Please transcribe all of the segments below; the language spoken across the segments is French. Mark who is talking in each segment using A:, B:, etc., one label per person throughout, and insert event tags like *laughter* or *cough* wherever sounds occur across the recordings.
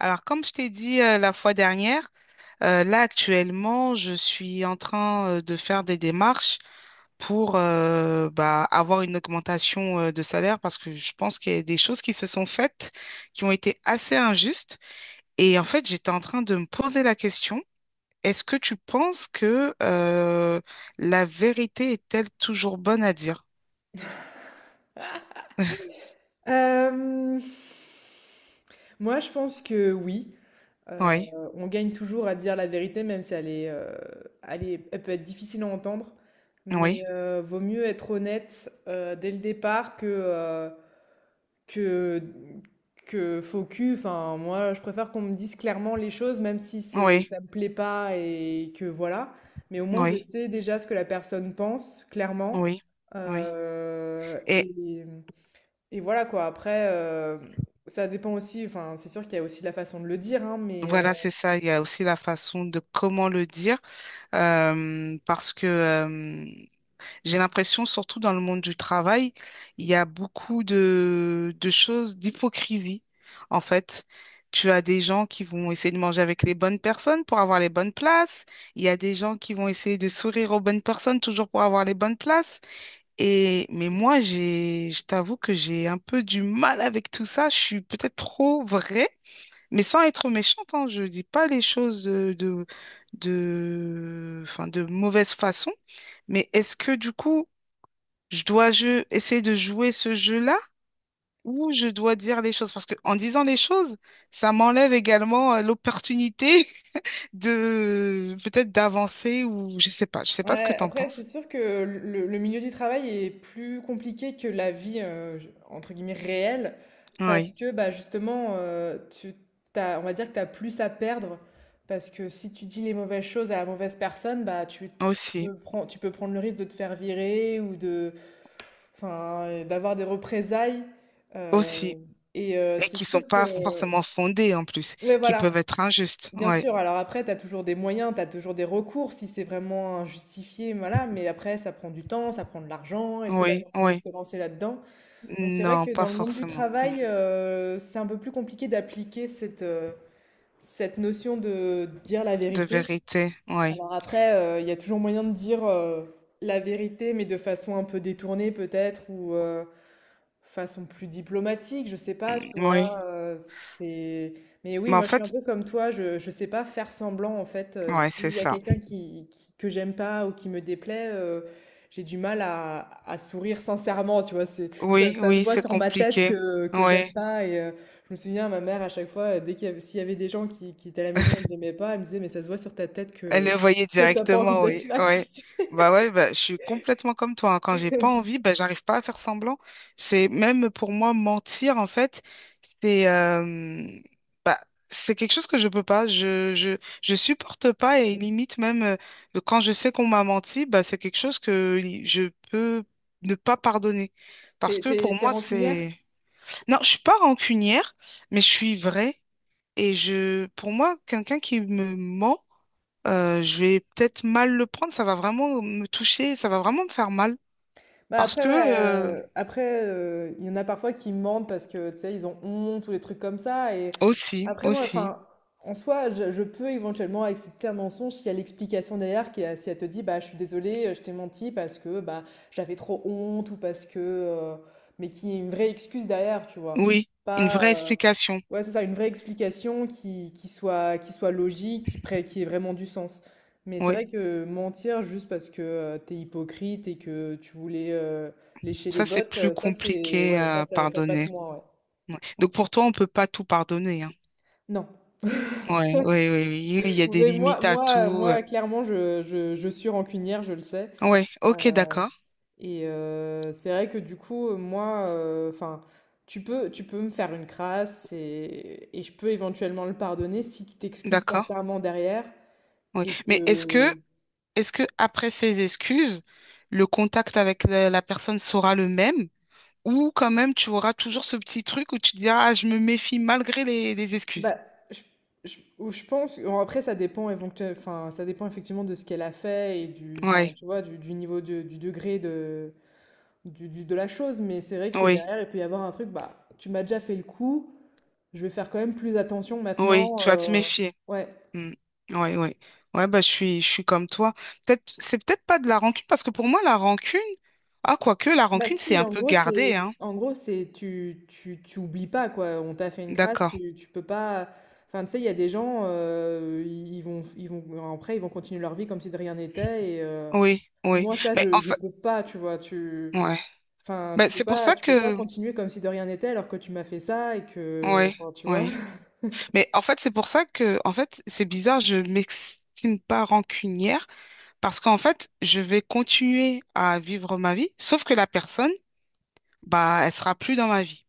A: Alors, comme je t'ai dit la fois dernière, là actuellement, je suis en train de faire des démarches pour bah, avoir une augmentation de salaire parce que je pense qu'il y a des choses qui se sont faites qui ont été assez injustes. Et en fait, j'étais en train de me poser la question, est-ce que tu penses que la vérité est-elle toujours bonne à dire?
B: Hem, Moi, je pense que oui. Heu,
A: Oui,
B: on gagne toujours à dire la vérité, même si elle est, elle peut être difficile à entendre. Mais,
A: oui,
B: vaut mieux être honnête, dès le départ que que faux cul. Enfin, moi, je préfère qu'on me dise clairement les choses, même si c'est
A: oui,
B: ça me plaît pas et que voilà. Mais au moins, je
A: oui,
B: sais déjà ce que la personne pense, clairement.
A: oui, oui.
B: Heu
A: Et
B: et et voilà quoi, après, ça dépend aussi, enfin, c'est sûr qu'il y a aussi la façon de le dire, hein, mais
A: voilà, c'est ça. Il y a aussi la façon de comment le dire, parce que j'ai l'impression, surtout dans le monde du travail, il y a beaucoup de choses d'hypocrisie, en fait. Tu as des gens qui vont essayer de manger avec les bonnes personnes pour avoir les bonnes places. Il y a des gens qui vont essayer de sourire aux bonnes personnes toujours pour avoir les bonnes places. Et mais moi, je t'avoue que j'ai un peu du mal avec tout ça. Je suis peut-être trop vraie. Mais sans être méchante, hein, je dis pas les choses enfin, de mauvaise façon. Mais est-ce que du coup, je dois essayer de jouer ce jeu-là ou je dois dire les choses? Parce que en disant les choses, ça m'enlève également l'opportunité *laughs* de peut-être d'avancer ou je sais pas. Je sais pas ce que
B: ouais,
A: t'en
B: après, c'est
A: penses.
B: sûr que le milieu du travail est plus compliqué que la vie, j entre guillemets «réelle», parce
A: Oui,
B: que, bah, justement, tu t'as on va dire que tu as plus à perdre parce que si tu dis les mauvaises choses à la mauvaise personne, bah, tu
A: aussi,
B: peux pren tu peux prendre le risque de te faire virer ou de enfin, d'avoir des représailles.
A: aussi.
B: heu
A: Et
B: c'est
A: qui sont
B: sûr que
A: pas forcément fondées en plus,
B: ouais,
A: qui peuvent
B: voilà.
A: être injustes.
B: Bien
A: Ouais,
B: sûr, alors après, tu as toujours des moyens, tu as toujours des recours si c'est vraiment injustifié, voilà, mais après, ça prend du temps, ça prend de l'argent, est-ce que tu as
A: oui,
B: vraiment envie
A: oui.
B: de te lancer là-dedans? Donc c'est vrai
A: Non,
B: que
A: pas
B: dans le monde du
A: forcément. Hmm.
B: travail, c'est un peu plus compliqué d'appliquer cette, cette notion de dire la
A: De
B: vérité.
A: vérité, oui.
B: Alors après, il y a toujours moyen de dire la vérité, mais de façon un peu détournée peut-être, ou, façon plus diplomatique, je sais pas,
A: Mm,
B: tu
A: oui.
B: vois, c'est... Mais oui,
A: Mais en
B: moi je suis un
A: fait,
B: peu comme toi, je sais pas faire semblant en fait,
A: ouais, c'est
B: s'il y a
A: ça.
B: quelqu'un que j'aime pas ou qui me déplaît, j'ai du mal à sourire sincèrement, tu vois,
A: Oui,
B: ça se
A: oui,
B: voit
A: c'est
B: sur ma tête
A: compliqué.
B: que j'aime
A: Oui.
B: pas je me souviens, ma mère à chaque fois, dès qu'il y avait, s'il y avait des gens qui étaient à la maison et
A: *laughs*
B: que j'aimais pas, elle me disait, mais ça se voit sur ta tête
A: Elle le voyait
B: que t'as pas envie
A: directement,
B: d'être
A: oui.
B: là, quoi.
A: Ouais. Bah ouais, bah, je suis complètement comme toi, hein. Quand j'ai pas
B: *laughs*
A: envie, bah, j'arrive pas à faire semblant. C'est même pour moi mentir, en fait, c'est euh, bah, c'est quelque chose que je peux pas. Je supporte pas et limite même quand je sais qu'on m'a menti, bah, c'est quelque chose que je peux ne pas pardonner. Parce
B: T'es,
A: que pour
B: t'es, t'es
A: moi,
B: rancunière?
A: c'est. Non, je suis pas rancunière, mais je suis vraie. Et pour moi, quelqu'un qui me ment, je vais peut-être mal le prendre. Ça va vraiment me toucher, ça va vraiment me faire mal.
B: Bah
A: Parce
B: après,
A: que,
B: ouais, après, il y en a parfois qui mentent parce que, tu sais, ils ont honte ou des trucs comme ça. Et
A: aussi,
B: après, moi,
A: aussi,
B: enfin, en soi, je peux éventuellement accepter un mensonge s'il y a l'explication derrière, si elle te dit, bah, je suis désolée, je t'ai menti parce que, bah, j'avais trop honte ou parce que, mais qu'il y ait une vraie excuse derrière, tu vois.
A: oui, une
B: Pas,
A: vraie explication.
B: Ouais, c'est ça, une vraie explication qui soit logique, qui ait vraiment du sens. Mais c'est
A: Oui,
B: vrai que mentir juste parce que t'es hypocrite et que tu voulais lécher les
A: ça, c'est
B: bottes,
A: plus
B: ça c'est
A: compliqué
B: ouais,
A: à
B: ça passe
A: pardonner.
B: moins, ouais.
A: Ouais. Donc, pour toi, on peut pas tout pardonner, hein.
B: Non.
A: Ouais, oui, oui, oui, il y
B: *laughs*
A: a des
B: Mais moi,
A: limites à
B: moi,
A: tout.
B: moi, clairement, je suis rancunière, je le sais.
A: Ouais, ok,
B: Euh,
A: d'accord,
B: C'est vrai que du coup, moi, enfin, tu peux me faire une crasse et je peux éventuellement le pardonner si tu t'excuses
A: d'accord.
B: sincèrement derrière
A: Oui.
B: et
A: Mais est-ce que
B: que
A: Est-ce que après ces excuses, le contact avec la personne sera le même ou quand même tu auras toujours ce petit truc où tu te diras ah, je me méfie malgré les excuses.
B: bah, je, ou je pense, bon, après ça dépend, enfin, ça dépend effectivement de ce qu'elle a fait enfin,
A: Ouais,
B: tu vois, du niveau du degré de la chose, mais c'est vrai que
A: oui,
B: derrière il peut y avoir un truc, bah, tu m'as déjà fait le coup, je vais faire quand même plus attention
A: oui,
B: maintenant.
A: tu vas te méfier.
B: Ouais.
A: Oui, ouais, ouais. Ouais, bah je suis comme toi. Peut-être c'est peut-être pas de la rancune parce que pour moi la rancune ah quoique la
B: Bah
A: rancune c'est
B: si,
A: un peu gardé hein.
B: en gros c'est, tu oublies pas quoi, on t'a fait une crasse,
A: D'accord.
B: tu peux pas, enfin tu sais, il y a des gens, après ils vont continuer leur vie comme si de rien n'était et...
A: Oui, oui.
B: Moi, ça,
A: Mais en
B: je
A: fait
B: peux pas, tu vois,
A: ouais.
B: enfin,
A: Bah, c'est pour ça
B: tu peux pas
A: que
B: continuer comme si de rien n'était alors que tu m'as fait ça et que,
A: ouais,
B: enfin, tu vois.
A: ouais.
B: *laughs*
A: Mais en fait, c'est pour ça que, en fait, c'est bizarre, je m'estime pas rancunière parce qu'en fait, je vais continuer à vivre ma vie, sauf que la personne, bah, elle sera plus dans ma vie.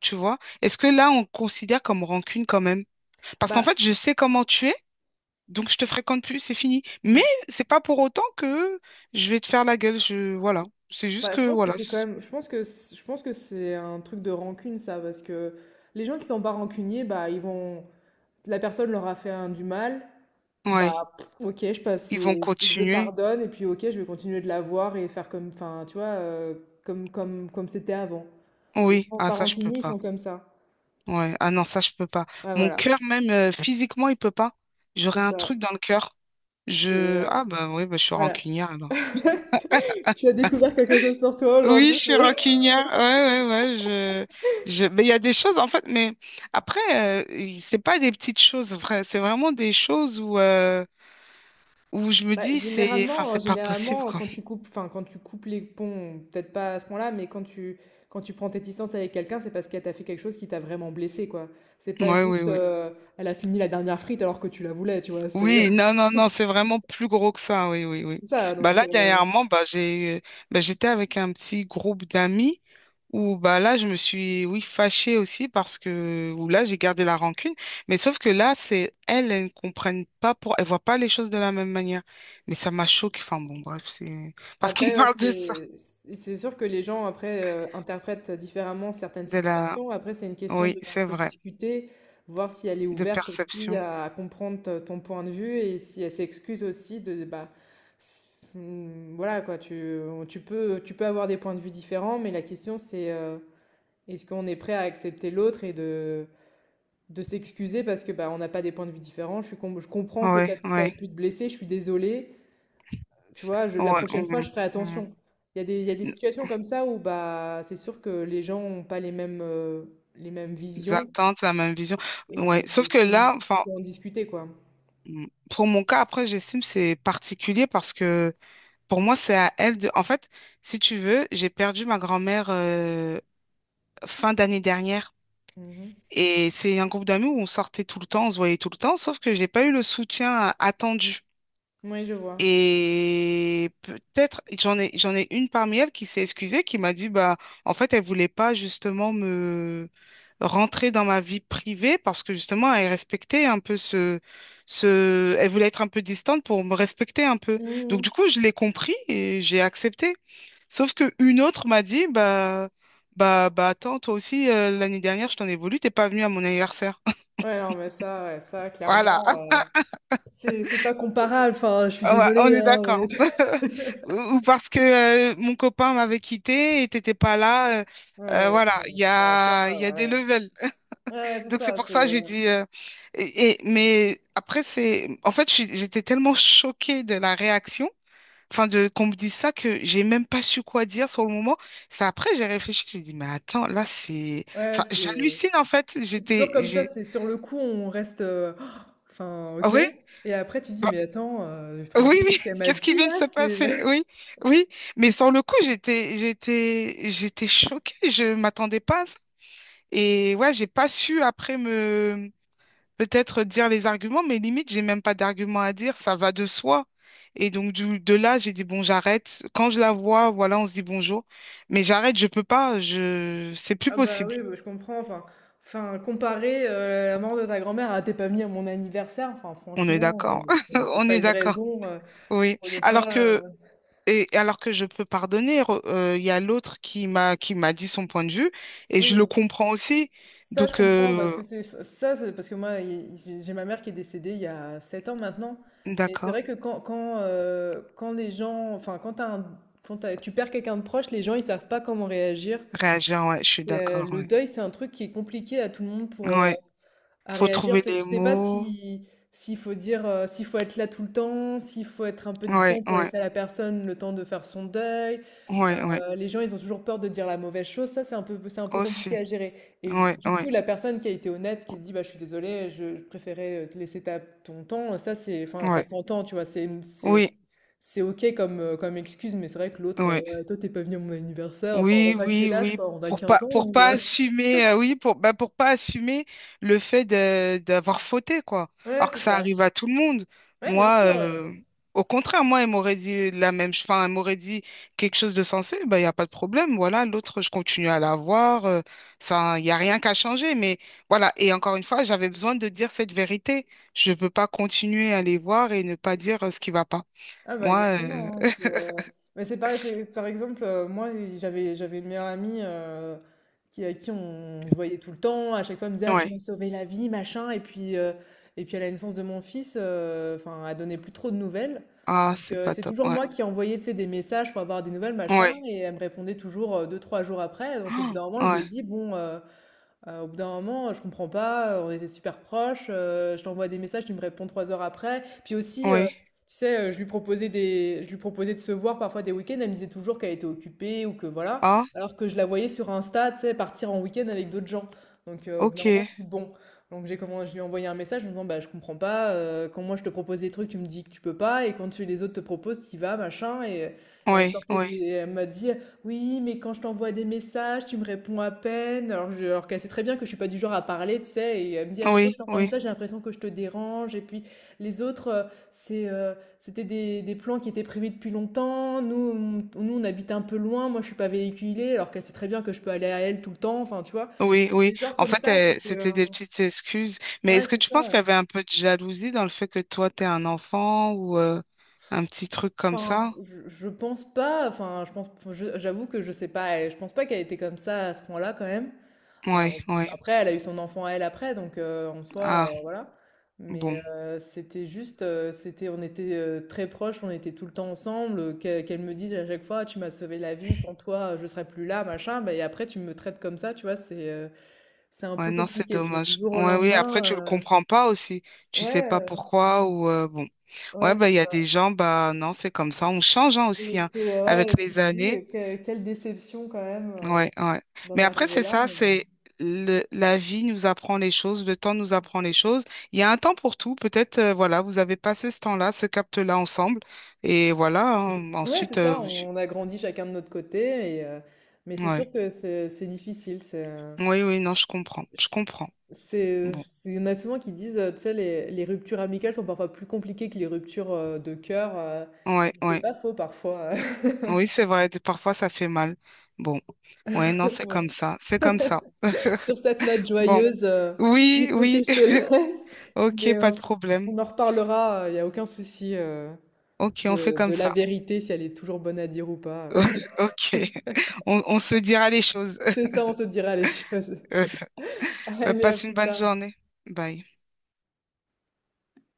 A: Tu vois? Est-ce que là, on considère comme rancune quand même? Parce qu'en
B: Bah,
A: fait, je sais comment tu es, donc je te fréquente plus, c'est fini. Mais c'est pas pour autant que je vais te faire la gueule. Voilà. C'est juste
B: je
A: que,
B: pense que
A: voilà.
B: c'est quand
A: c'est-
B: même, je pense que c'est un truc de rancune, ça, parce que les gens qui sont pas rancuniers, la personne leur a fait du mal,
A: Ouais.
B: bah, pff, ok, je passe,
A: Ils vont
B: je
A: continuer.
B: pardonne et puis ok, je vais continuer de la voir et faire comme, enfin, tu vois, comme c'était avant. Les
A: Oui.
B: gens
A: Ah,
B: pas
A: ça, je peux
B: rancuniers, ils
A: pas.
B: sont comme ça.
A: Ouais, ah non, ça, je peux pas.
B: Ouais,
A: Mon
B: voilà,
A: cœur, même physiquement, il peut pas.
B: c'est
A: J'aurais un
B: ça.
A: truc dans le cœur.
B: C'est ouais.
A: Ah bah oui, bah, je suis
B: Voilà.
A: rancunière alors.
B: *laughs* Tu as découvert quelque chose sur toi
A: Oui,
B: aujourd'hui,
A: je suis
B: c'est *laughs*
A: rancunière. Ouais, ouais, ouais. Mais il y a des choses, en fait, mais après, c'est pas des petites choses, vrai. C'est vraiment des choses où je me
B: Bah,
A: dis, c'est... Enfin,
B: généralement,
A: c'est pas possible,
B: généralement,
A: quoi.
B: quand tu coupes, enfin, quand tu coupes les ponts, peut-être pas à ce point-là, mais quand tu prends tes distances avec quelqu'un, c'est parce qu'elle t'a fait quelque chose qui t'a vraiment blessé, quoi. C'est pas
A: Ouais oui,
B: juste,
A: oui.
B: elle a fini la dernière frite alors que tu la voulais, tu vois. C'est
A: Oui,
B: *laughs*
A: non, non, non, c'est vraiment plus gros que ça, oui, oui, oui.
B: c'est ça,
A: Bah
B: donc.
A: là, dernièrement, bah, j'étais avec un petit groupe d'amis. Ou bah là, je me suis, oui, fâchée aussi parce que, ou là, j'ai gardé la rancune. Mais sauf que là, c'est elles, elles ne comprennent pas pour, elles voient pas les choses de la même manière. Mais ça m'a choquée. Enfin bon, bref, c'est parce qu'on *laughs*
B: Après, ouais,
A: parle de ça,
B: c'est sûr que les gens après interprètent différemment certaines
A: de la,
B: situations. Après, c'est une question
A: oui,
B: de
A: c'est
B: faut
A: vrai,
B: discuter, voir si elle est
A: de
B: ouverte aussi
A: perception.
B: à comprendre ton point de vue et si elle s'excuse aussi de s- voilà quoi. Tu peux avoir des points de vue différents, mais la question c'est est-ce qu'on est prêt à accepter l'autre et de s'excuser parce que bah on n'a pas des points de vue différents. Je comprends que
A: Ouais,
B: ça ait
A: ouais,
B: pu te blesser. Je suis désolée. Tu vois,
A: ouais.
B: la prochaine fois, je ferai attention. Il y a des situations comme ça où bah, c'est sûr que les gens n'ont pas les mêmes, les mêmes
A: Des
B: visions.
A: attentes, la même vision.
B: Et
A: Ouais,
B: mais
A: sauf que
B: c'est-
A: là, enfin,
B: faut en discuter, quoi.
A: pour mon cas, après, j'estime que c'est particulier parce que pour moi, c'est à elle de. En fait, si tu veux, j'ai perdu ma grand-mère fin d'année dernière.
B: Mhm.
A: Et c'est un groupe d'amis où on sortait tout le temps, on se voyait tout le temps, sauf que j'ai pas eu le soutien attendu.
B: Oui, je vois.
A: Et peut-être j'en ai une parmi elles qui s'est excusée, qui m'a dit bah en fait elle voulait pas justement me rentrer dans ma vie privée parce que justement elle respectait un peu ce elle voulait être un peu distante pour me respecter un peu. Donc du
B: Mhm.
A: coup je l'ai compris et j'ai accepté. Sauf que une autre m'a dit, bah, attends, toi aussi, l'année dernière, je t'en ai voulu, t'es pas venu à mon anniversaire. *laughs*
B: Ouais, non, mais ça, ouais, ça,
A: Voilà.
B: clairement,
A: *laughs*
B: c'est pas comparable. Enfin, je suis
A: Ouais, on
B: désolée,
A: est
B: hein,
A: d'accord.
B: mais- *laughs*
A: *laughs* Ou parce que mon copain m'avait quitté et t'étais pas là,
B: Ouais,
A: voilà,
B: c'est-
A: il y
B: non, ça,
A: a, il y a des
B: ouais.
A: levels.
B: Ouais, c'est
A: Donc c'est
B: ça,
A: pour ça
B: c'est...
A: j'ai dit. Mais après, c'est. En fait, j'étais tellement choquée de la réaction enfin de qu'on me dise ça que j'ai même pas su quoi dire sur le moment. C'est après j'ai réfléchi, j'ai dit mais attends, là c'est
B: Ouais,
A: enfin
B: c'est...
A: j'hallucine en fait,
B: C'est
A: j'étais
B: toujours comme ça,
A: j'ai
B: c'est sur le coup, on reste, enfin
A: Ah
B: OK,
A: oui,
B: et après tu dis:
A: bah,
B: «Mais attends, tu te rends
A: oui
B: compte de
A: oui,
B: ce qu'elle
A: *laughs*
B: m'a
A: qu'est-ce qui
B: dit
A: vient
B: là?
A: de se
B: C'est»
A: passer? Oui. Oui, mais sur le coup, j'étais choquée, je m'attendais pas à ça. Et ouais, j'ai pas su après me peut-être dire les arguments, mais limite, j'ai même pas d'arguments à dire, ça va de soi. Et donc, de là, j'ai dit, bon, j'arrête. Quand je la vois, voilà, on se dit bonjour. Mais j'arrête, je peux pas, c'est
B: *laughs*
A: plus
B: Ah bah,
A: possible.
B: oui, bah, je comprends, enfin enfin comparer, la mort de ta grand-mère à «Tu pas venu à mon anniversaire», enfin
A: On est
B: franchement,
A: d'accord. *laughs*
B: c'est
A: On
B: pas
A: est
B: une
A: d'accord.
B: raison,
A: Oui.
B: pour ne
A: Alors
B: pas, heu
A: que, alors que je peux pardonner, il y a l'autre qui m'a dit son point de vue et je le
B: oui.
A: comprends aussi.
B: Ça, je
A: Donc,
B: comprends parce que c'est ça, c'est parce que moi, j'ai ma mère qui est décédée il y a 7 ans maintenant. Mais c'est
A: d'accord.
B: vrai que quand les gens, enfin, quand, quand tu perds quelqu'un de proche, les gens, ils savent pas comment réagir.
A: Réagir, ouais, je suis
B: C'est,
A: d'accord,
B: le
A: ouais.
B: deuil, c'est un truc qui est compliqué à tout le monde pour,
A: Ouais.
B: à
A: Faut
B: réagir,
A: trouver
B: peut-être
A: les
B: tu sais pas
A: mots.
B: si s'il faut dire, s'il faut être là tout le temps, s'il faut être un peu
A: Ouais,
B: distant pour
A: ouais,
B: laisser à la personne le temps de faire son deuil.
A: ouais, ouais.
B: Les gens, ils ont toujours peur de dire la mauvaise chose. Ça, c'est un peu
A: Aussi.
B: compliqué à gérer et
A: Ouais,
B: du coup,
A: ouais,
B: la personne qui a été honnête, qui a dit: «Bah, je suis désolée, je préférais te laisser ta ton temps», ça, c'est enfin, ça
A: ouais.
B: s'entend, tu vois?
A: Oui,
B: C'est OK comme, comme excuse, mais c'est vrai que l'autre,
A: ouais.
B: «Ouais, toi, t'es pas venu à mon anniversaire». Enfin,
A: Oui,
B: on a
A: oui,
B: quel âge,
A: oui.
B: quoi? On a 15 ans
A: Pour
B: ou
A: pas
B: heu? *laughs*
A: assumer, oui, pour, bah, pour pas assumer le fait d'avoir fauté, quoi.
B: Ouais,
A: Alors que
B: c'est
A: ça
B: ça.
A: arrive à tout le monde.
B: Ouais, bien
A: Moi,
B: sûr,
A: au contraire, moi, elle m'aurait dit la même, enfin, elle m'aurait dit quelque chose de sensé, bah, il n'y a pas de problème. Voilà, l'autre, je continue à la voir. Ça, il n'y a rien qu'à changer. Mais voilà. Et encore une fois, j'avais besoin de dire cette vérité. Je ne peux pas continuer à les voir et ne pas dire ce qui va pas.
B: ah bah
A: Moi,
B: exactement, hein, c'est, mais c'est pareil, par exemple, moi j'avais une meilleure amie qui, se voyait tout le temps, à chaque fois elle me disait: ah, tu
A: ouais.
B: m'as sauvé la vie, machin, et puis à la naissance de mon fils, enfin, elle donnait plus trop de nouvelles.
A: Ah,
B: Donc
A: c'est pas
B: c'est
A: top.
B: toujours
A: Ouais.
B: moi qui envoyais tu sais, des messages pour avoir des nouvelles, machin,
A: Ouais.
B: et elle me répondait toujours deux, trois jours après. Donc au bout
A: Ah,
B: d'un moment, je lui ai
A: ouais.
B: dit, bon, au bout d'un moment, je comprends pas, on était super proches, je t'envoie des messages, tu me réponds trois heures après. Puis aussi,
A: Oui.
B: tu sais, je lui proposais de se voir parfois des week-ends, elle me disait toujours qu'elle était occupée ou que voilà,
A: Ah,
B: alors que je la voyais sur Insta, tu sais, partir en week-end avec d'autres gens. Donc au bout d'un moment,
A: ok.
B: je dis bon. Je lui ai envoyé un message en me disant, bah je comprends pas, quand moi je te propose des trucs, tu me dis que tu peux pas, et quand tu, les autres te proposent, tu y vas, machin, et elle me
A: Oui,
B: sortait
A: oui.
B: des- et elle m'a dit, oui, mais quand je t'envoie des messages, tu me réponds à peine. Alors, alors qu'elle sait très bien que je suis pas du genre à parler, tu sais. Et elle me dit à chaque fois que je
A: Oui,
B: t'envoie un
A: oui.
B: message, j'ai l'impression que je te dérange. Et puis les autres, c'était des plans qui étaient prévus depuis longtemps. Nous, on habite un peu loin. Moi, je suis pas véhiculée. Alors qu'elle sait très bien que je peux aller à elle tout le temps. Enfin, tu vois.
A: Oui,
B: C'est des
A: oui.
B: genres
A: En
B: comme
A: fait,
B: ça, c'est que...
A: c'était des petites excuses. Mais
B: Ouais,
A: est-ce que
B: c'est
A: tu penses
B: ça.
A: qu'il y avait un peu de jalousie dans le fait que toi, t'es un enfant ou un petit truc comme
B: Enfin,
A: ça?
B: je pense pas. Enfin, je pense, j'avoue que je sais pas. Je pense pas qu'elle était comme ça à ce point-là quand même.
A: Oui,
B: Alors,
A: oui.
B: après, elle a eu son enfant à elle après, donc en soi,
A: Ah,
B: voilà. Mais
A: bon.
B: c'était juste, c'était, on était très proches, on était tout le temps ensemble. Qu'elle me dise à chaque fois, tu m'as sauvé la vie, sans toi, je serais plus là, machin. Bah, et après, tu me traites comme ça, tu vois, c'est un
A: Ouais,
B: peu
A: non, c'est
B: compliqué, tu vois, du
A: dommage.
B: jour au
A: Ouais, oui.
B: lendemain.
A: Après, tu le comprends pas aussi. Tu sais pas
B: Ouais,
A: pourquoi ou bon. Ouais,
B: ouais,
A: bah,
B: c'est
A: il y a
B: ça.
A: des gens, bah, non, c'est comme ça. On change hein,
B: Et
A: aussi hein,
B: c'est,
A: avec
B: ouais, tu
A: les
B: te dis,
A: années.
B: quelle déception quand même
A: Ouais, ouais.
B: d'en
A: Mais après,
B: arriver
A: c'est
B: là.
A: ça, c'est la vie nous apprend les choses, le temps nous apprend les choses. Il y a un temps pour tout. Peut-être, voilà, vous avez passé ce temps-là, ce capte-là ensemble. Et voilà, hein,
B: Ouais, c'est
A: ensuite,
B: ça, on a grandi chacun de notre côté, et, mais c'est
A: ouais.
B: sûr que c'est difficile. C'est,
A: Oui, oui, non, je comprends. Je comprends. Bon.
B: c'est- il y en a souvent qui disent, tu sais, les ruptures amicales sont parfois plus compliquées que les ruptures de cœur.
A: Ouais,
B: Et c'est
A: ouais.
B: pas faux parfois.
A: Oui, c'est vrai. Parfois, ça fait mal. Bon. Ouais, non,
B: *laughs*
A: c'est
B: Bon,
A: comme ça. C'est comme ça.
B: sur cette note
A: Bon.
B: joyeuse,
A: Oui,
B: il faut que
A: oui.
B: je te *laughs* laisse,
A: *laughs* OK,
B: mais
A: pas de problème.
B: on en reparlera, il n'y a aucun souci
A: OK, on fait comme
B: de la
A: ça.
B: vérité, si elle est toujours bonne à dire ou pas. *laughs*
A: *laughs* OK. On se dira les choses.
B: C'est ça, on se dira les choses.
A: *laughs*
B: *laughs*
A: Bah,
B: Allez, à
A: passe une
B: plus
A: bonne
B: tard.
A: journée. Bye.